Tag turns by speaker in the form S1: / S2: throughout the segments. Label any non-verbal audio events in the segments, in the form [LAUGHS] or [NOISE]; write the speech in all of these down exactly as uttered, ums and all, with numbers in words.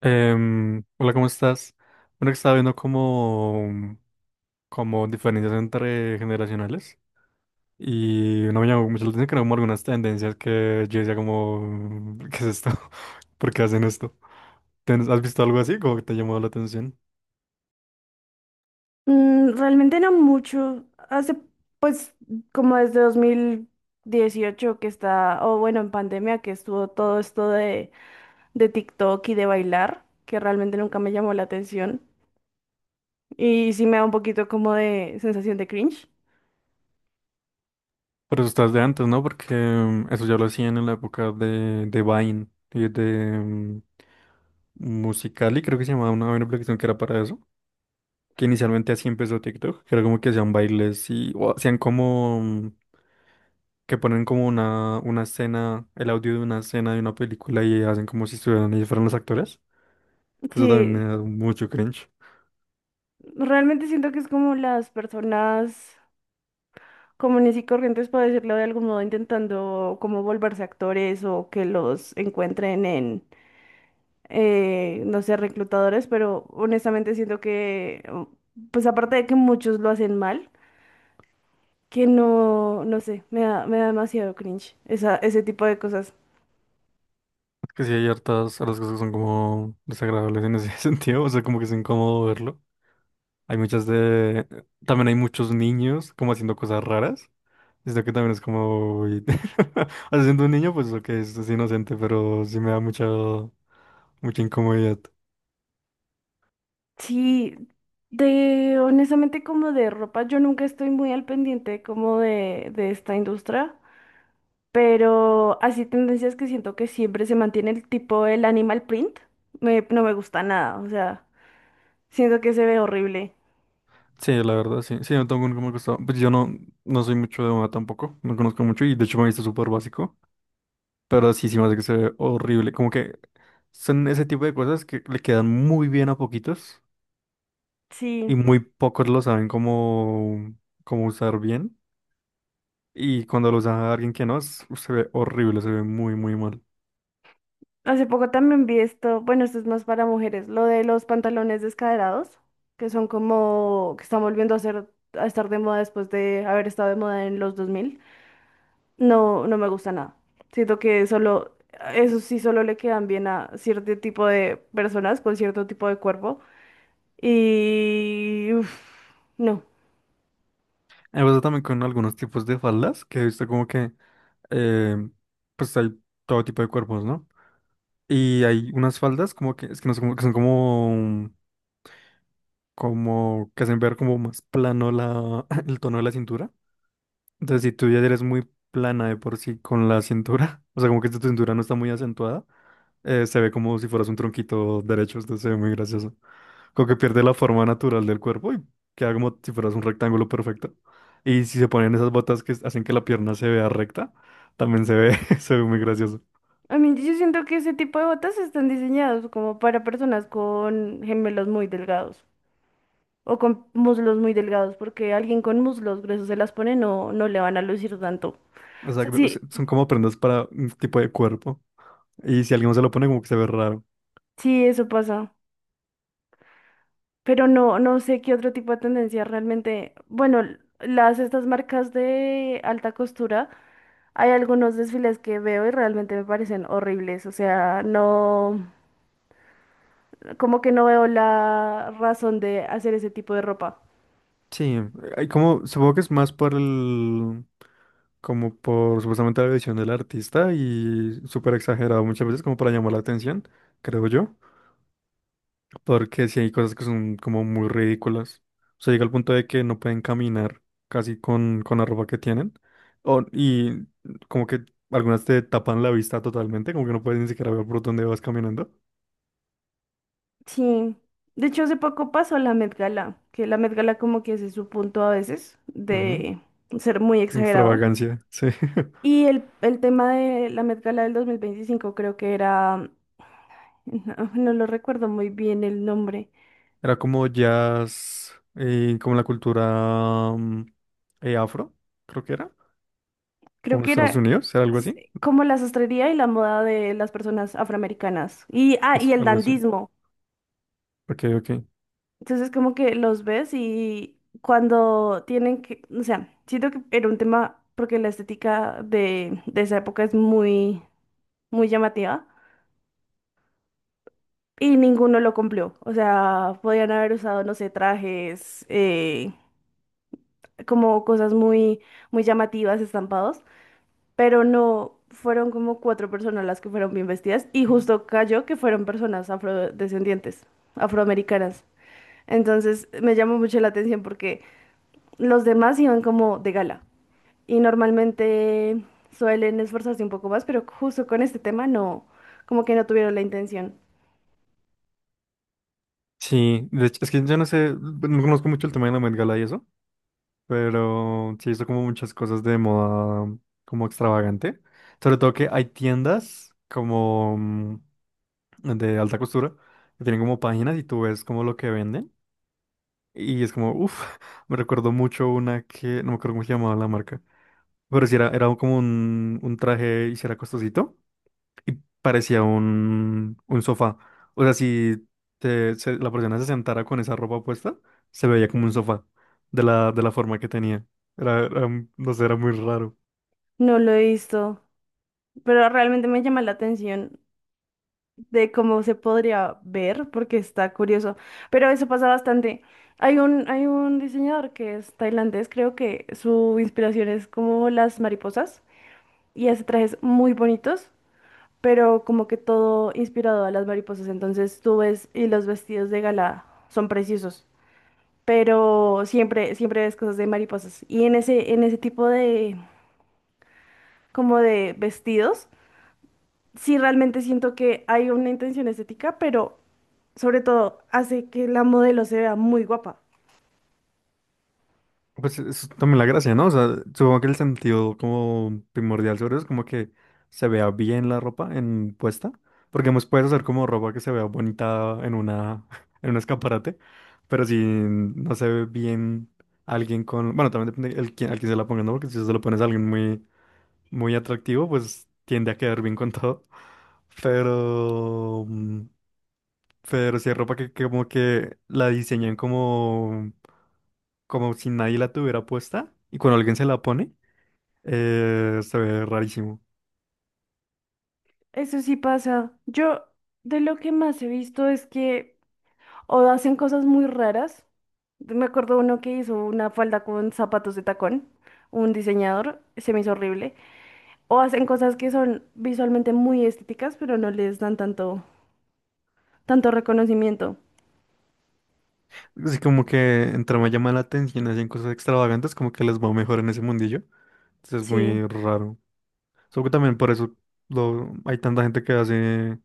S1: Em, hola, ¿cómo estás? Bueno, que estaba viendo como, como diferencias entre generacionales y no me llamó mucho la atención que eran como algunas tendencias que yo decía como, [LAUGHS] ¿qué es esto? [LAUGHS] ¿Por qué hacen esto? ¿Ten- ¿Has visto algo así como que te llamó la atención?
S2: Mm, realmente no mucho. Hace, pues, como desde dos mil dieciocho que está, o bueno, en pandemia que estuvo todo esto de, de TikTok y de bailar, que realmente nunca me llamó la atención. Y sí me da un poquito como de sensación de cringe.
S1: Pero eso estás de antes, ¿no? Porque em, eso ya lo hacían en la época de, de Vine y de em, Musical.ly, creo que se llamaba una, una aplicación que era para eso, que inicialmente así empezó TikTok, que era como que hacían bailes y o hacían como mm, que ponen como una, una escena, el audio de una escena de una película y hacen como si estuvieran ellos fueran los actores, que eso también me
S2: Sí,
S1: da mucho cringe.
S2: realmente siento que es como las personas comunes y corrientes, por decirlo de algún modo, intentando como volverse actores o que los encuentren en eh, no sé, reclutadores, pero honestamente siento que, oh, pues aparte de que muchos lo hacen mal, que no, no sé, me da, me da demasiado cringe esa, ese tipo de cosas.
S1: Es que sí hay hartas, hartas cosas que son como desagradables en ese [LAUGHS] sentido, o sea, como que es incómodo verlo. Hay muchas de... También hay muchos niños como haciendo cosas raras, esto que también es como... uy, [LAUGHS] o sea, siendo un niño, pues lo que es, es inocente, pero sí me da mucha... mucha incomodidad.
S2: Sí, de honestamente como de ropa, yo nunca estoy muy al pendiente como de, de esta industria, pero así tendencias que siento que siempre se mantiene el tipo el animal print, me, no me gusta nada, o sea, siento que se ve horrible.
S1: Sí, la verdad, sí. Sí, no tengo nunca me gustado. Pues yo no, no soy mucho de moda tampoco. No conozco mucho y de hecho me he visto súper básico. Pero sí, sí me hace que se ve horrible. Como que son ese tipo de cosas que le quedan muy bien a poquitos y
S2: Sí.
S1: muy pocos lo saben cómo, cómo usar bien. Y cuando lo usa alguien que no, es- se ve horrible, se ve muy, muy mal.
S2: Hace poco también vi esto, bueno, esto es más para mujeres, lo de los pantalones descaderados, que son como, que están volviendo a ser, a estar de moda después de haber estado de moda en los dos mil. No, no me gusta nada. Siento que solo, eso sí solo le quedan bien a cierto tipo de personas con cierto tipo de cuerpo. Y, uf, no.
S1: Me pasa también con algunos tipos de faldas que he visto como que, eh, pues hay todo tipo de cuerpos, ¿no? Y hay unas faldas como que, es que no sé, como que son como, como que hacen ver como más plano la, [LAUGHS] el tono de la cintura. Entonces, si tú ya eres muy plana de por sí con la cintura, [LAUGHS] o sea, como que tu cintura no está muy acentuada, eh, se ve como si fueras un tronquito derecho, entonces se ve muy gracioso. Como que pierde la forma natural del cuerpo y queda como si fueras un rectángulo perfecto. Y si se ponen esas botas que hacen que la pierna se vea recta, también se ve, [LAUGHS] se ve muy gracioso.
S2: A mí yo siento que ese tipo de botas están diseñados como para personas con gemelos muy delgados. O con muslos muy delgados, porque alguien con muslos gruesos se las pone, no, no le van a lucir tanto. O sea,
S1: Exacto,
S2: sí,
S1: sea, son como prendas para un tipo de cuerpo. Y si alguien se lo pone, como que se ve raro.
S2: sí, eso pasa. Pero no, no sé qué otro tipo de tendencia realmente. Bueno, l- las estas marcas de alta costura, hay algunos desfiles que veo y realmente me parecen horribles. O sea, no, como que no veo la razón de hacer ese tipo de ropa.
S1: Sí, hay como, supongo que es más por el, como por supuestamente la visión del artista y súper exagerado muchas veces como para llamar la atención, creo yo, porque sí hay cosas que son como muy ridículas. O sea, llega al punto de que no pueden caminar casi con, con la ropa que tienen o, y como que algunas te tapan la vista totalmente, como que no puedes ni siquiera ver por dónde vas caminando.
S2: Sí, de hecho hace poco pasó la Met Gala, que la Met Gala como que ese es su punto a veces
S1: Ujú.
S2: de ser muy exagerado.
S1: Extravagancia, sí. [LAUGHS]
S2: Y el, el tema de la Met Gala del dos mil veinticinco creo que era, [LAUGHS] no, no lo recuerdo muy bien el nombre,
S1: Era como jazz, eh, como la cultura mm, eh, afro, creo que era,
S2: creo
S1: como
S2: que
S1: Estados
S2: era
S1: Unidos, era algo así.
S2: s- como la sastrería y la moda de las personas afroamericanas. Y, ah,
S1: Eso,
S2: y el
S1: algo así.
S2: dandismo.
S1: Ok, ok.
S2: Entonces como que los ves y cuando tienen que, o sea, siento que era un tema porque la estética de, de esa época es muy muy llamativa y ninguno lo cumplió. O sea, podían haber usado, no sé, trajes, eh, como cosas muy, muy llamativas, estampados, pero no fueron como cuatro personas las que fueron bien vestidas y justo cayó que fueron personas afrodescendientes, afroamericanas. Entonces me llamó mucho la atención porque los demás iban como de gala y normalmente suelen esforzarse un poco más, pero justo con este tema no, como que no tuvieron la intención.
S1: Sí, de hecho, es que yo no sé, no conozco mucho el tema de la Met Gala y eso, pero sí hizo como muchas cosas de moda mm, como extravagante. Sobre todo que hay tiendas como mm, de alta costura que tienen como páginas y tú ves como lo que venden. Y es como, uff, [LAUGHS] me recuerdo mucho una que, no me acuerdo cómo se llamaba la marca. Pero si era, era como un, un traje y si era costosito y parecía un, un sofá. O sea, si te- se- la persona se sentara con esa ropa puesta, se veía como un sofá de la, de la forma que tenía. Era, era un- no sé, era muy raro.
S2: No lo he visto, pero realmente me llama la atención de cómo se podría ver, porque está curioso. Pero eso pasa bastante. Hay un, hay un diseñador que es tailandés, creo que su inspiración es como las mariposas y hace trajes muy bonitos, pero como que todo inspirado a las mariposas. Entonces tú ves y los vestidos de gala son preciosos, pero siempre, siempre ves cosas de mariposas. Y en ese, en ese tipo de, como de vestidos. Sí, realmente siento que hay una intención estética, pero sobre todo hace que la modelo se vea muy guapa.
S1: Pues eso es también la gracia, ¿no? O sea, supongo que el sentido como primordial sobre eso es como que se vea bien la ropa en puesta, porque hemos puedes hacer como ropa que se vea bonita en una [LAUGHS] en un escaparate, pero si no se ve bien alguien con, bueno, también depende el quién- al quién se la ponga, ¿no? Porque si se lo pones a alguien muy muy atractivo, pues tiende a quedar bien con [LAUGHS] todo. Pero mm, pero si hay ropa que que como que la diseñan como como si nadie la tuviera puesta y cuando alguien se la pone, eh, se ve rarísimo.
S2: Eso sí pasa. Yo de lo que más he visto es que o hacen cosas muy raras. Me acuerdo uno que hizo una falda con zapatos de tacón, un diseñador, se me hizo horrible. O hacen cosas que son visualmente muy estéticas, pero no les dan tanto, tanto reconocimiento.
S1: Así como que entre más llama la atención, hacen cosas extravagantes, como que les va mejor en ese mundillo. Entonces es
S2: Sí.
S1: muy raro. Solo que también por eso lo, hay tanta gente que hace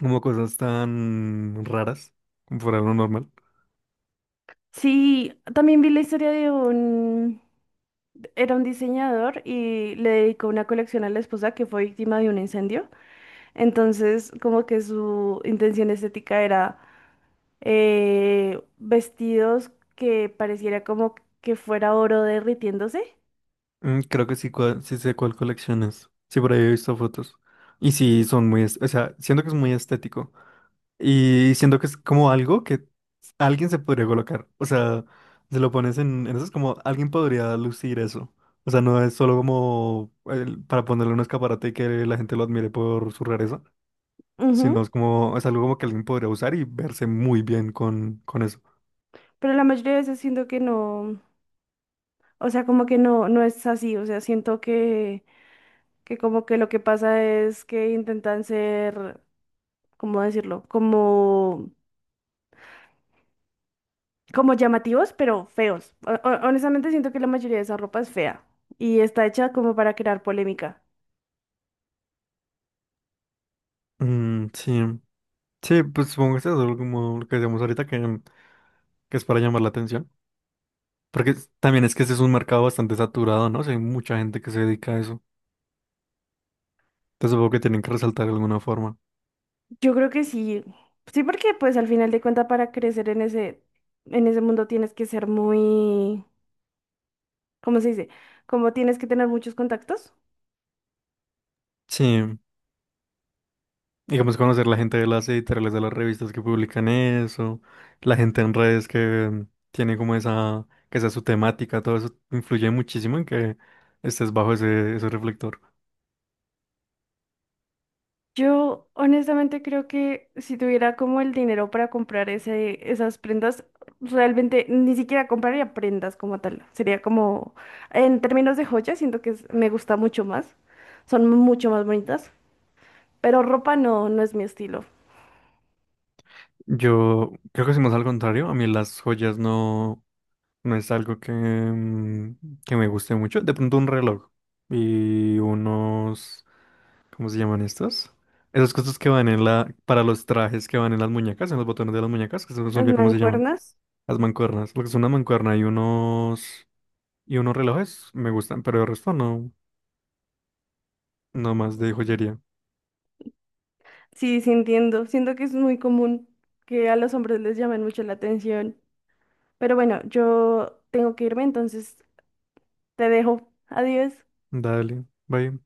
S1: como cosas tan raras, como fuera de lo normal.
S2: Sí, también vi la historia de un. Era un diseñador y le dedicó una colección a la esposa que fue víctima de un incendio. Entonces, como que su intención estética era eh, vestidos que pareciera como que fuera oro derritiéndose.
S1: Mm, creo que sí, cua- sí sé cuál colección es. Sí, por ahí he visto fotos. Y sí, son muy, es- o sea, siento que es muy estético. Y siento que es como algo que alguien se podría colocar. O sea, se lo pones en, en eso, es como alguien podría lucir eso. O sea, no es solo como el- para ponerle un escaparate y que la gente lo admire por su rareza,
S2: Ujú.
S1: sino es como, es algo como que alguien podría usar y verse muy bien con, con eso.
S2: Pero la mayoría de veces siento que no, o sea, como que no, no es así. O sea, siento que, que como que lo que pasa es que intentan ser, ¿cómo decirlo? Como como llamativos, pero feos. O- o- honestamente siento que la mayoría de esa ropa es fea y está hecha como para crear polémica.
S1: Mm, sí. Sí, pues supongo que es algo como lo que decíamos ahorita, que, que es para llamar la atención. Porque es- también es que ese es un mercado bastante saturado, ¿no? O sea, hay mucha gente que se dedica a eso. Entonces supongo que tienen que resaltar de alguna forma.
S2: Yo creo que sí, sí porque pues al final de cuentas para crecer en ese, en ese mundo tienes que ser muy, ¿cómo se dice? Como tienes que tener muchos contactos.
S1: Sí. Digamos, conocer la gente de las editoriales de las revistas que publican eso, la gente en redes que tiene como esa, que sea su temática, todo eso influye muchísimo en que estés bajo ese, ese reflector.
S2: Yo honestamente creo que si tuviera como el dinero para comprar ese, esas prendas, realmente ni siquiera compraría prendas como tal. Sería como, en términos de joyas, siento que es- me gusta mucho más. Son mucho más bonitas. Pero ropa no, no es mi estilo.
S1: Yo creo que si más al contrario, a mí las joyas no, no es algo que, mm, que me guste mucho. De pronto un reloj y unos, ¿cómo se llaman estos? Esas cosas que van en la, para los trajes que van en las muñecas, en los botones de las muñecas, que se me
S2: Las
S1: olvidó cómo se llaman.
S2: mancuernas,
S1: Las mancuernas, lo que es una mancuerna y unos y unos relojes me gustan, pero el resto no, no más de joyería.
S2: sí, sí entiendo. Siento que es muy común que a los hombres les llamen mucho la atención. Pero bueno, yo tengo que irme, entonces te dejo. Adiós.
S1: Dale, bye.